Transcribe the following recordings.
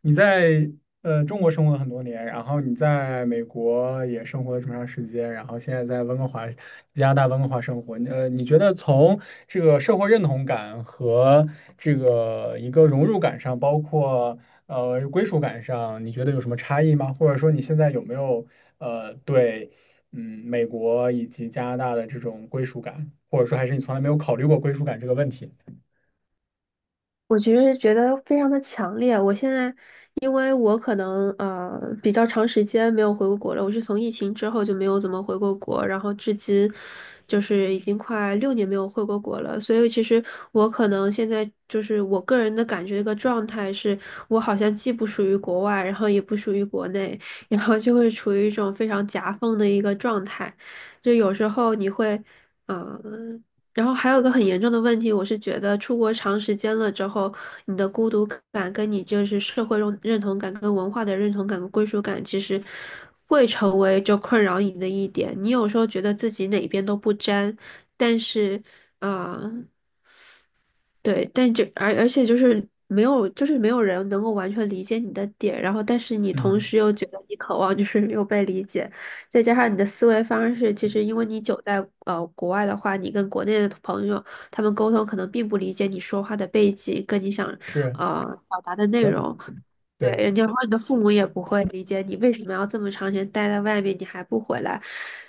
你在中国生活了很多年，然后你在美国也生活了这么长时间，然后现在在温哥华，加拿大温哥华生活，你觉得从这个社会认同感和这个一个融入感上，包括归属感上，你觉得有什么差异吗？或者说你现在有没有对美国以及加拿大的这种归属感，或者说还是你从来没有考虑过归属感这个问题？我其实觉得非常的强烈。我现在，因为我可能比较长时间没有回过国了，我是从疫情之后就没有怎么回过国，然后至今就是已经快6年没有回过国了。所以其实我可能现在就是我个人的感觉，一个状态是我好像既不属于国外，然后也不属于国内，然后就会处于一种非常夹缝的一个状态。就有时候你会。嗯，然后还有个很严重的问题，我是觉得出国长时间了之后，你的孤独感跟你就是社会认同感、跟文化的认同感、跟归属感，其实会成为就困扰你的一点。你有时候觉得自己哪边都不沾，但是，啊。对，但就而且就是没有，就是没有人能够完全理解你的点，然后但是你同嗯，时又觉得你渴望就是没有被理解，再加上你的思维方式，其实因为你久在国外的话，你跟国内的朋友他们沟通可能并不理解你说话的背景，跟你想是，呃表达的内对，容。对，对。人家说你的父母也不会理解你为什么要这么长时间待在外面，你还不回来。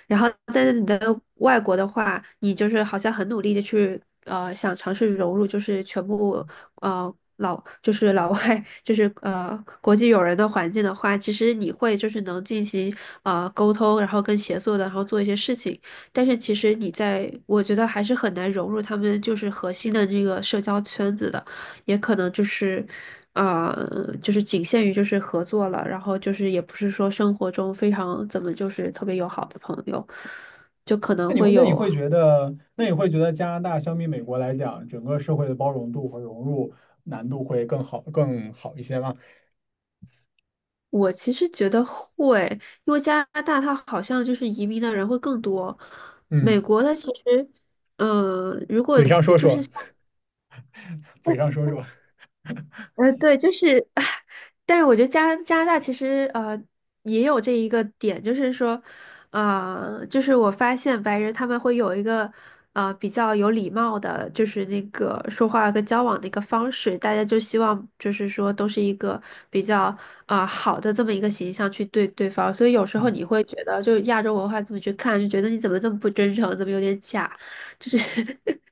然后在是你的外国的话，你就是好像很努力的去想尝试融入，就是全部老就是老外就是国际友人的环境的话，其实你会就是能进行沟通，然后跟协作的，然后做一些事情。但是其实你在我觉得还是很难融入他们就是核心的这个社交圈子的，也可能就是啊，就是仅限于就是合作了，然后就是也不是说生活中非常怎么就是特别友好的朋友，就可能那你会会那你有。会觉得，那你会觉得加拿大相比美国来讲，整个社会的包容度和融入难度会更好一些吗？我其实觉得会，因为加拿大它好像就是移民的人会更多，美嗯，国它其实，如果嘴上说说，嘴上说说，对，就是，但是我觉得加拿大其实也有这一个点，就是说，啊，就是我发现白人他们会有一个啊比较有礼貌的，就是那个说话跟交往的一个方式，大家就希望就是说都是一个比较好的这么一个形象去对对方，所以有时 候嗯你会觉得，就是亚洲文化这么去看，就觉得你怎么这么不真诚，怎么有点假，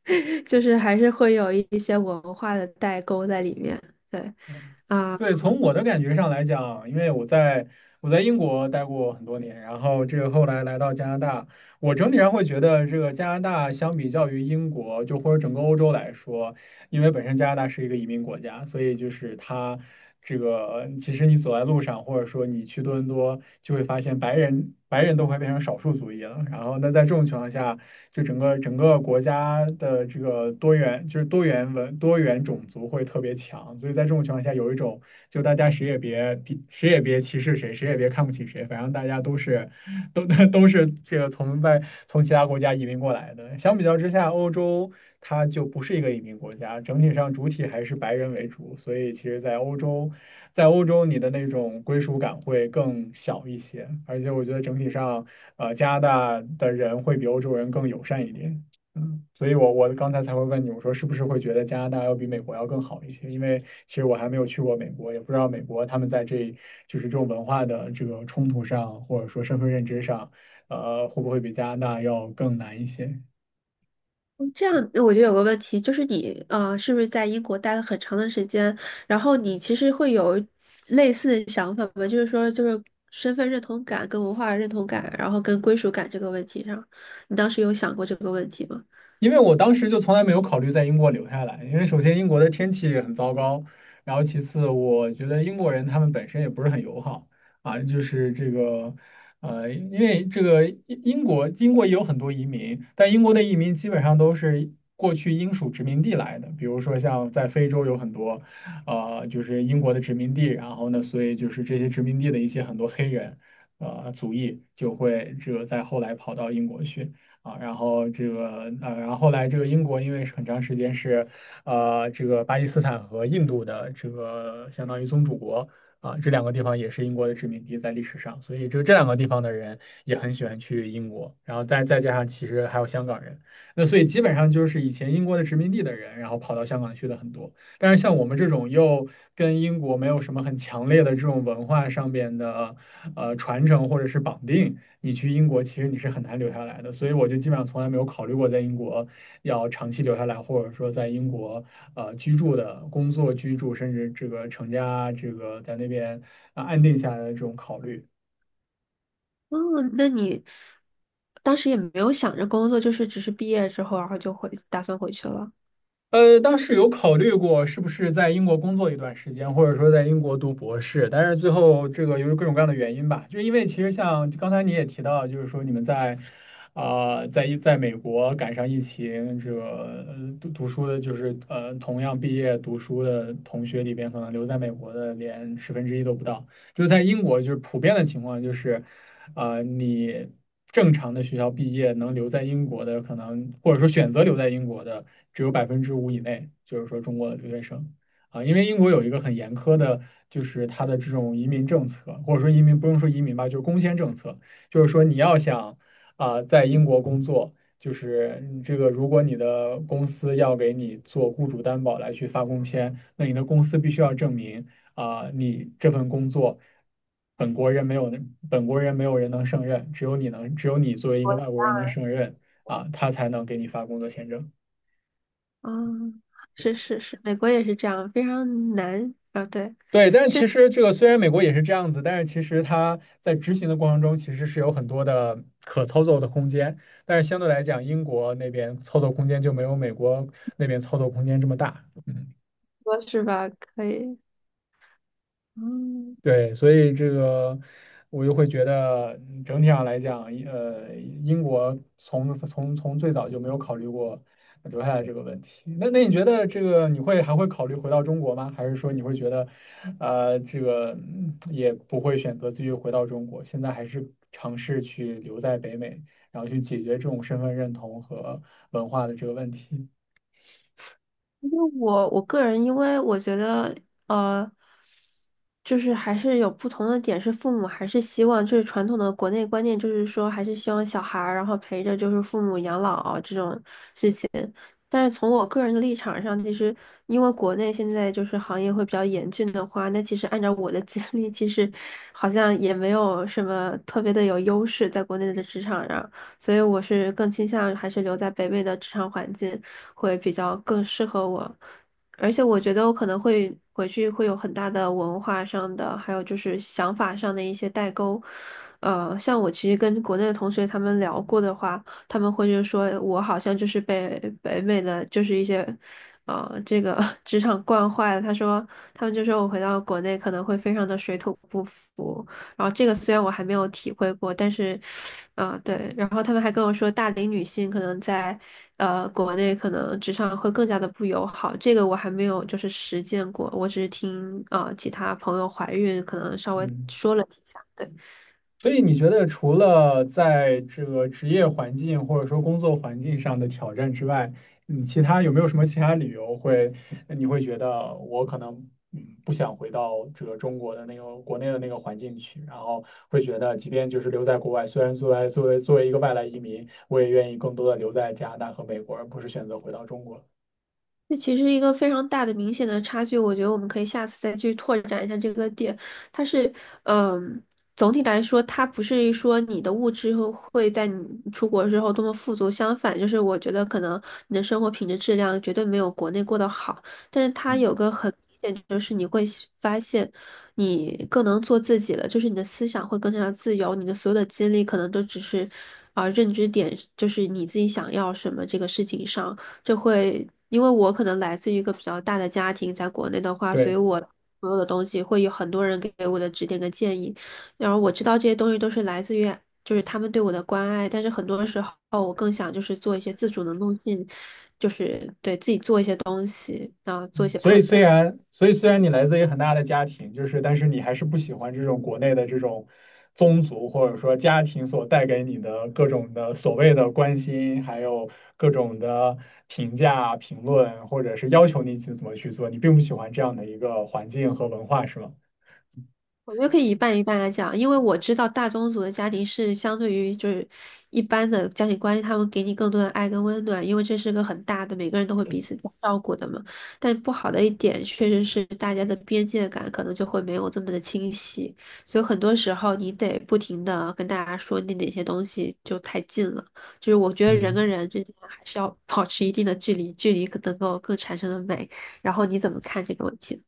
就是还是会有一些文化的代沟在里面，对。嗯，啊、对，从我的感觉上来讲，因为我在英国待过很多年，然后这个后来来到加拿大，我整体上会觉得，这个加拿大相比较于英国，就或者整个欧洲来说，因为本身加拿大是一个移民国家，所以就是它这个，其实你走在路上，或者说你去多伦多，就会发现白人都快变成少数族裔了。然后那在这种情况下，就整个国家的这个多元，就是多元种族会特别强。所以在这种情况下，有一种就大家谁也别歧视谁，谁也别看不起谁，反正大家都是。都 都是这个从其他国家移民过来的。相比较之下，欧洲它就不是一个移民国家，整体上主体还是白人为主，所以其实，在欧洲，在欧洲你的那种归属感会更小一些，而且我觉得整体上，加拿大的人会比欧洲人更友善一点。嗯，所以我刚才才会问你，我说是不是会觉得加拿大要比美国要更好一些？因为其实我还没有去过美国，也不知道美国他们在这就是这种文化的这个冲突上，或者说身份认知上，会不会比加拿大要更难一些？这样，那我就有个问题，就是你啊，是不是在英国待了很长的时间？然后你其实会有类似的想法吗？就是说，就是身份认同感、跟文化认同感，然后跟归属感这个问题上，你当时有想过这个问题吗？因为我当时就从来没有考虑在英国留下来，因为首先英国的天气很糟糕，然后其次我觉得英国人他们本身也不是很友好啊，就是这个，因为这个英国也有很多移民，但英国的移民基本上都是过去英属殖民地来的，比如说像在非洲有很多，就是英国的殖民地，然后呢，所以就是这些殖民地的一些很多黑人，族裔就会这个在后来跑到英国去。啊，然后这个然后后来这个英国因为是很长时间是这个巴基斯坦和印度的这个相当于宗主国啊，这两个地方也是英国的殖民地在历史上，所以就这两个地方的人也很喜欢去英国，然后再加上其实还有香港人，那所以基本上就是以前英国的殖民地的人，然后跑到香港去的很多，但是像我们这种又跟英国没有什么很强烈的这种文化上边的。传承或者是绑定，你去英国其实你是很难留下来的。所以我就基本上从来没有考虑过在英国要长期留下来，或者说在英国居住的工作居住，甚至这个成家这个在那边啊安定下来的这种考虑。哦，那你当时也没有想着工作，就是只是毕业之后，然后就回，打算回去了。当时有考虑过是不是在英国工作一段时间，或者说在英国读博士，但是最后这个由于各种各样的原因吧，就因为其实像刚才你也提到，就是说你们在在美国赶上疫情，这个读书的，就是同样毕业读书的同学里边，可能留在美国的连十分之一都不到，就是在英国就是普遍的情况就是。你正常的学校毕业能留在英国的，可能或者说选择留在英国的，只有百分之五以内，就是说中国的留学生啊，因为英国有一个很严苛的，就是它的这种移民政策，或者说移民不用说移民吧，就是工签政策，就是说你要想啊，在英国工作。就是你这个，如果你的公司要给你做雇主担保来去发工签，那你的公司必须要证明啊、你这份工作本国人没有人能胜任，只有你能，只有你作为一个外国人能胜任啊、他才能给你发工作签证。嗯，是是是，美国也是这样，非常难啊，对，对，但是其实这个虽然美国也是这样子，但是其实它在执行的过程中其实是有很多的可操作的空间，但是相对来讲，英国那边操作空间就没有美国那边操作空间这么大。嗯说是吧？可以，嗯。对，所以这个我就会觉得嗯整体上来讲，英国从最早就没有考虑过留下来这个问题。那那你觉得这个你会还会考虑回到中国吗？还是说你会觉得，这个嗯也不会选择继续回到中国，现在还是尝试去留在北美，然后去解决这种身份认同和文化的这个问题？因为我个人，因为我觉得，呃，就是还是有不同的点，是父母还是希望，就是传统的国内观念，就是说还是希望小孩儿然后陪着就是父母养老啊这种，但是从我个人的立场上，其实因为国内现在就是行业会比较严峻的话，那其实按照我的经历，其实好像也没有什么特别的有优势在国内的职场上，所以我是更倾向还是留在北美的职场环境会比较更适合我，而且我觉得我可能会回去会有很大的文化上的，还有就是想法上的一些代沟。呃，像我其实跟国内的同学他们聊过的话。他们会就是说我好像就是被北美的就是一些，呃，这个 职场惯坏了。他说他们就说我回到国内可能会非常的水土不服。然后这个虽然我还没有体会过，但是，对。然后他们还跟我说，大龄女性可能在国内可能职场会更加的不友好。这个我还没有就是实践过，我只是听其他朋友怀孕可能稍微嗯。说了几下，对。所以你觉得除了在这个职业环境或者说工作环境上的挑战之外，嗯，其他有没有什么其他理由会你会觉得我可能嗯不想回到这个中国的那个国内的那个环境去，然后会觉得即便就是留在国外，虽然作为一个外来移民，我也愿意更多的留在加拿大和美国，而不是选择回到中国。这其实一个非常大的、明显的差距，我觉得我们可以下次再去拓展一下这个点。它是，嗯、总体来说，它不是说你的物质会在你出国之后多么富足，相反，就是我觉得可能你的生活品质质量绝对没有国内过得好。但是它嗯，有个很明显，就是你会发现你更能做自己了，就是你的思想会更加自由，你的所有的精力可能都只是，认知点就是你自己想要什么这个事情上。就会因为我可能来自于一个比较大的家庭，在国内的话，所以对。我所有的东西会有很多人给我的指点跟建议，然后我知道这些东西都是来自于就是他们对我的关爱，但是很多时候我更想就是做一些自主能动性，就是对自己做一些东西，然后做一些所以判虽断。然，所以虽然你来自于很大的家庭，就是，但是你还是不喜欢这种国内的这种宗族或者说家庭所带给你的各种的所谓的关心，还有各种的评价、评论，或者是要求你去怎么去做，你并不喜欢这样的一个环境和文化，是吗？我觉得可以一半一半来讲，因为我知道大宗族的家庭是相对于就是一般的家庭关系，他们给你更多的爱跟温暖，因为这是个很大的，每个人都会彼此照顾的嘛。但不好的一点确实是大家的边界感可能就会没有这么的清晰，所以很多时候你得不停的跟大家说你哪些东西就太近了，就是我觉得人嗯，跟人之间还是要保持一定的距离，距离可能够更产生的美。然后你怎么看这个问题呢？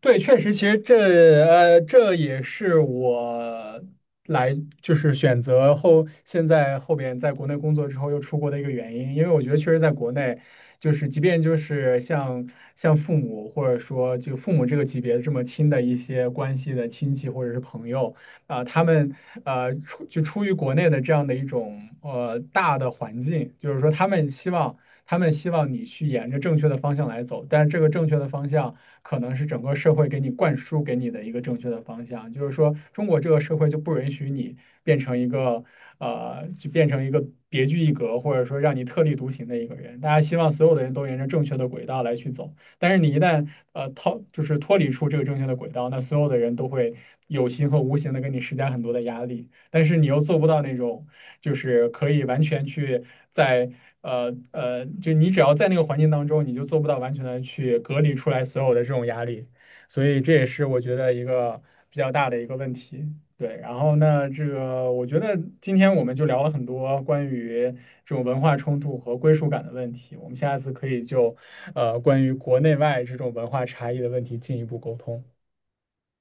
对，确实，其实这这也是我就是选择后现在后边在国内工作之后又出国的一个原因，因为我觉得确实在国内，就是即便就是像父母或者说就父母这个级别这么亲的一些关系的亲戚或者是朋友啊、他们就出于国内的这样的一种大的环境，就是说他们希望你去沿着正确的方向来走，但是这个正确的方向。可能是整个社会给你灌输给你的一个正确的方向，就是说中国这个社会就不允许你变成一个就变成一个别具一格，或者说让你特立独行的一个人。大家希望所有的人都沿着正确的轨道来去走，但是你一旦就是脱离出这个正确的轨道，那所有的人都会有形和无形的给你施加很多的压力。但是你又做不到那种，就是可以完全去在就你只要在那个环境当中，你就做不到完全的去隔离出来所有的这种压力，所以这也是我觉得一个比较大的一个问题。对，然后呢，这个我觉得今天我们就聊了很多关于这种文化冲突和归属感的问题，我们下次可以就关于国内外这种文化差异的问题进一步沟通。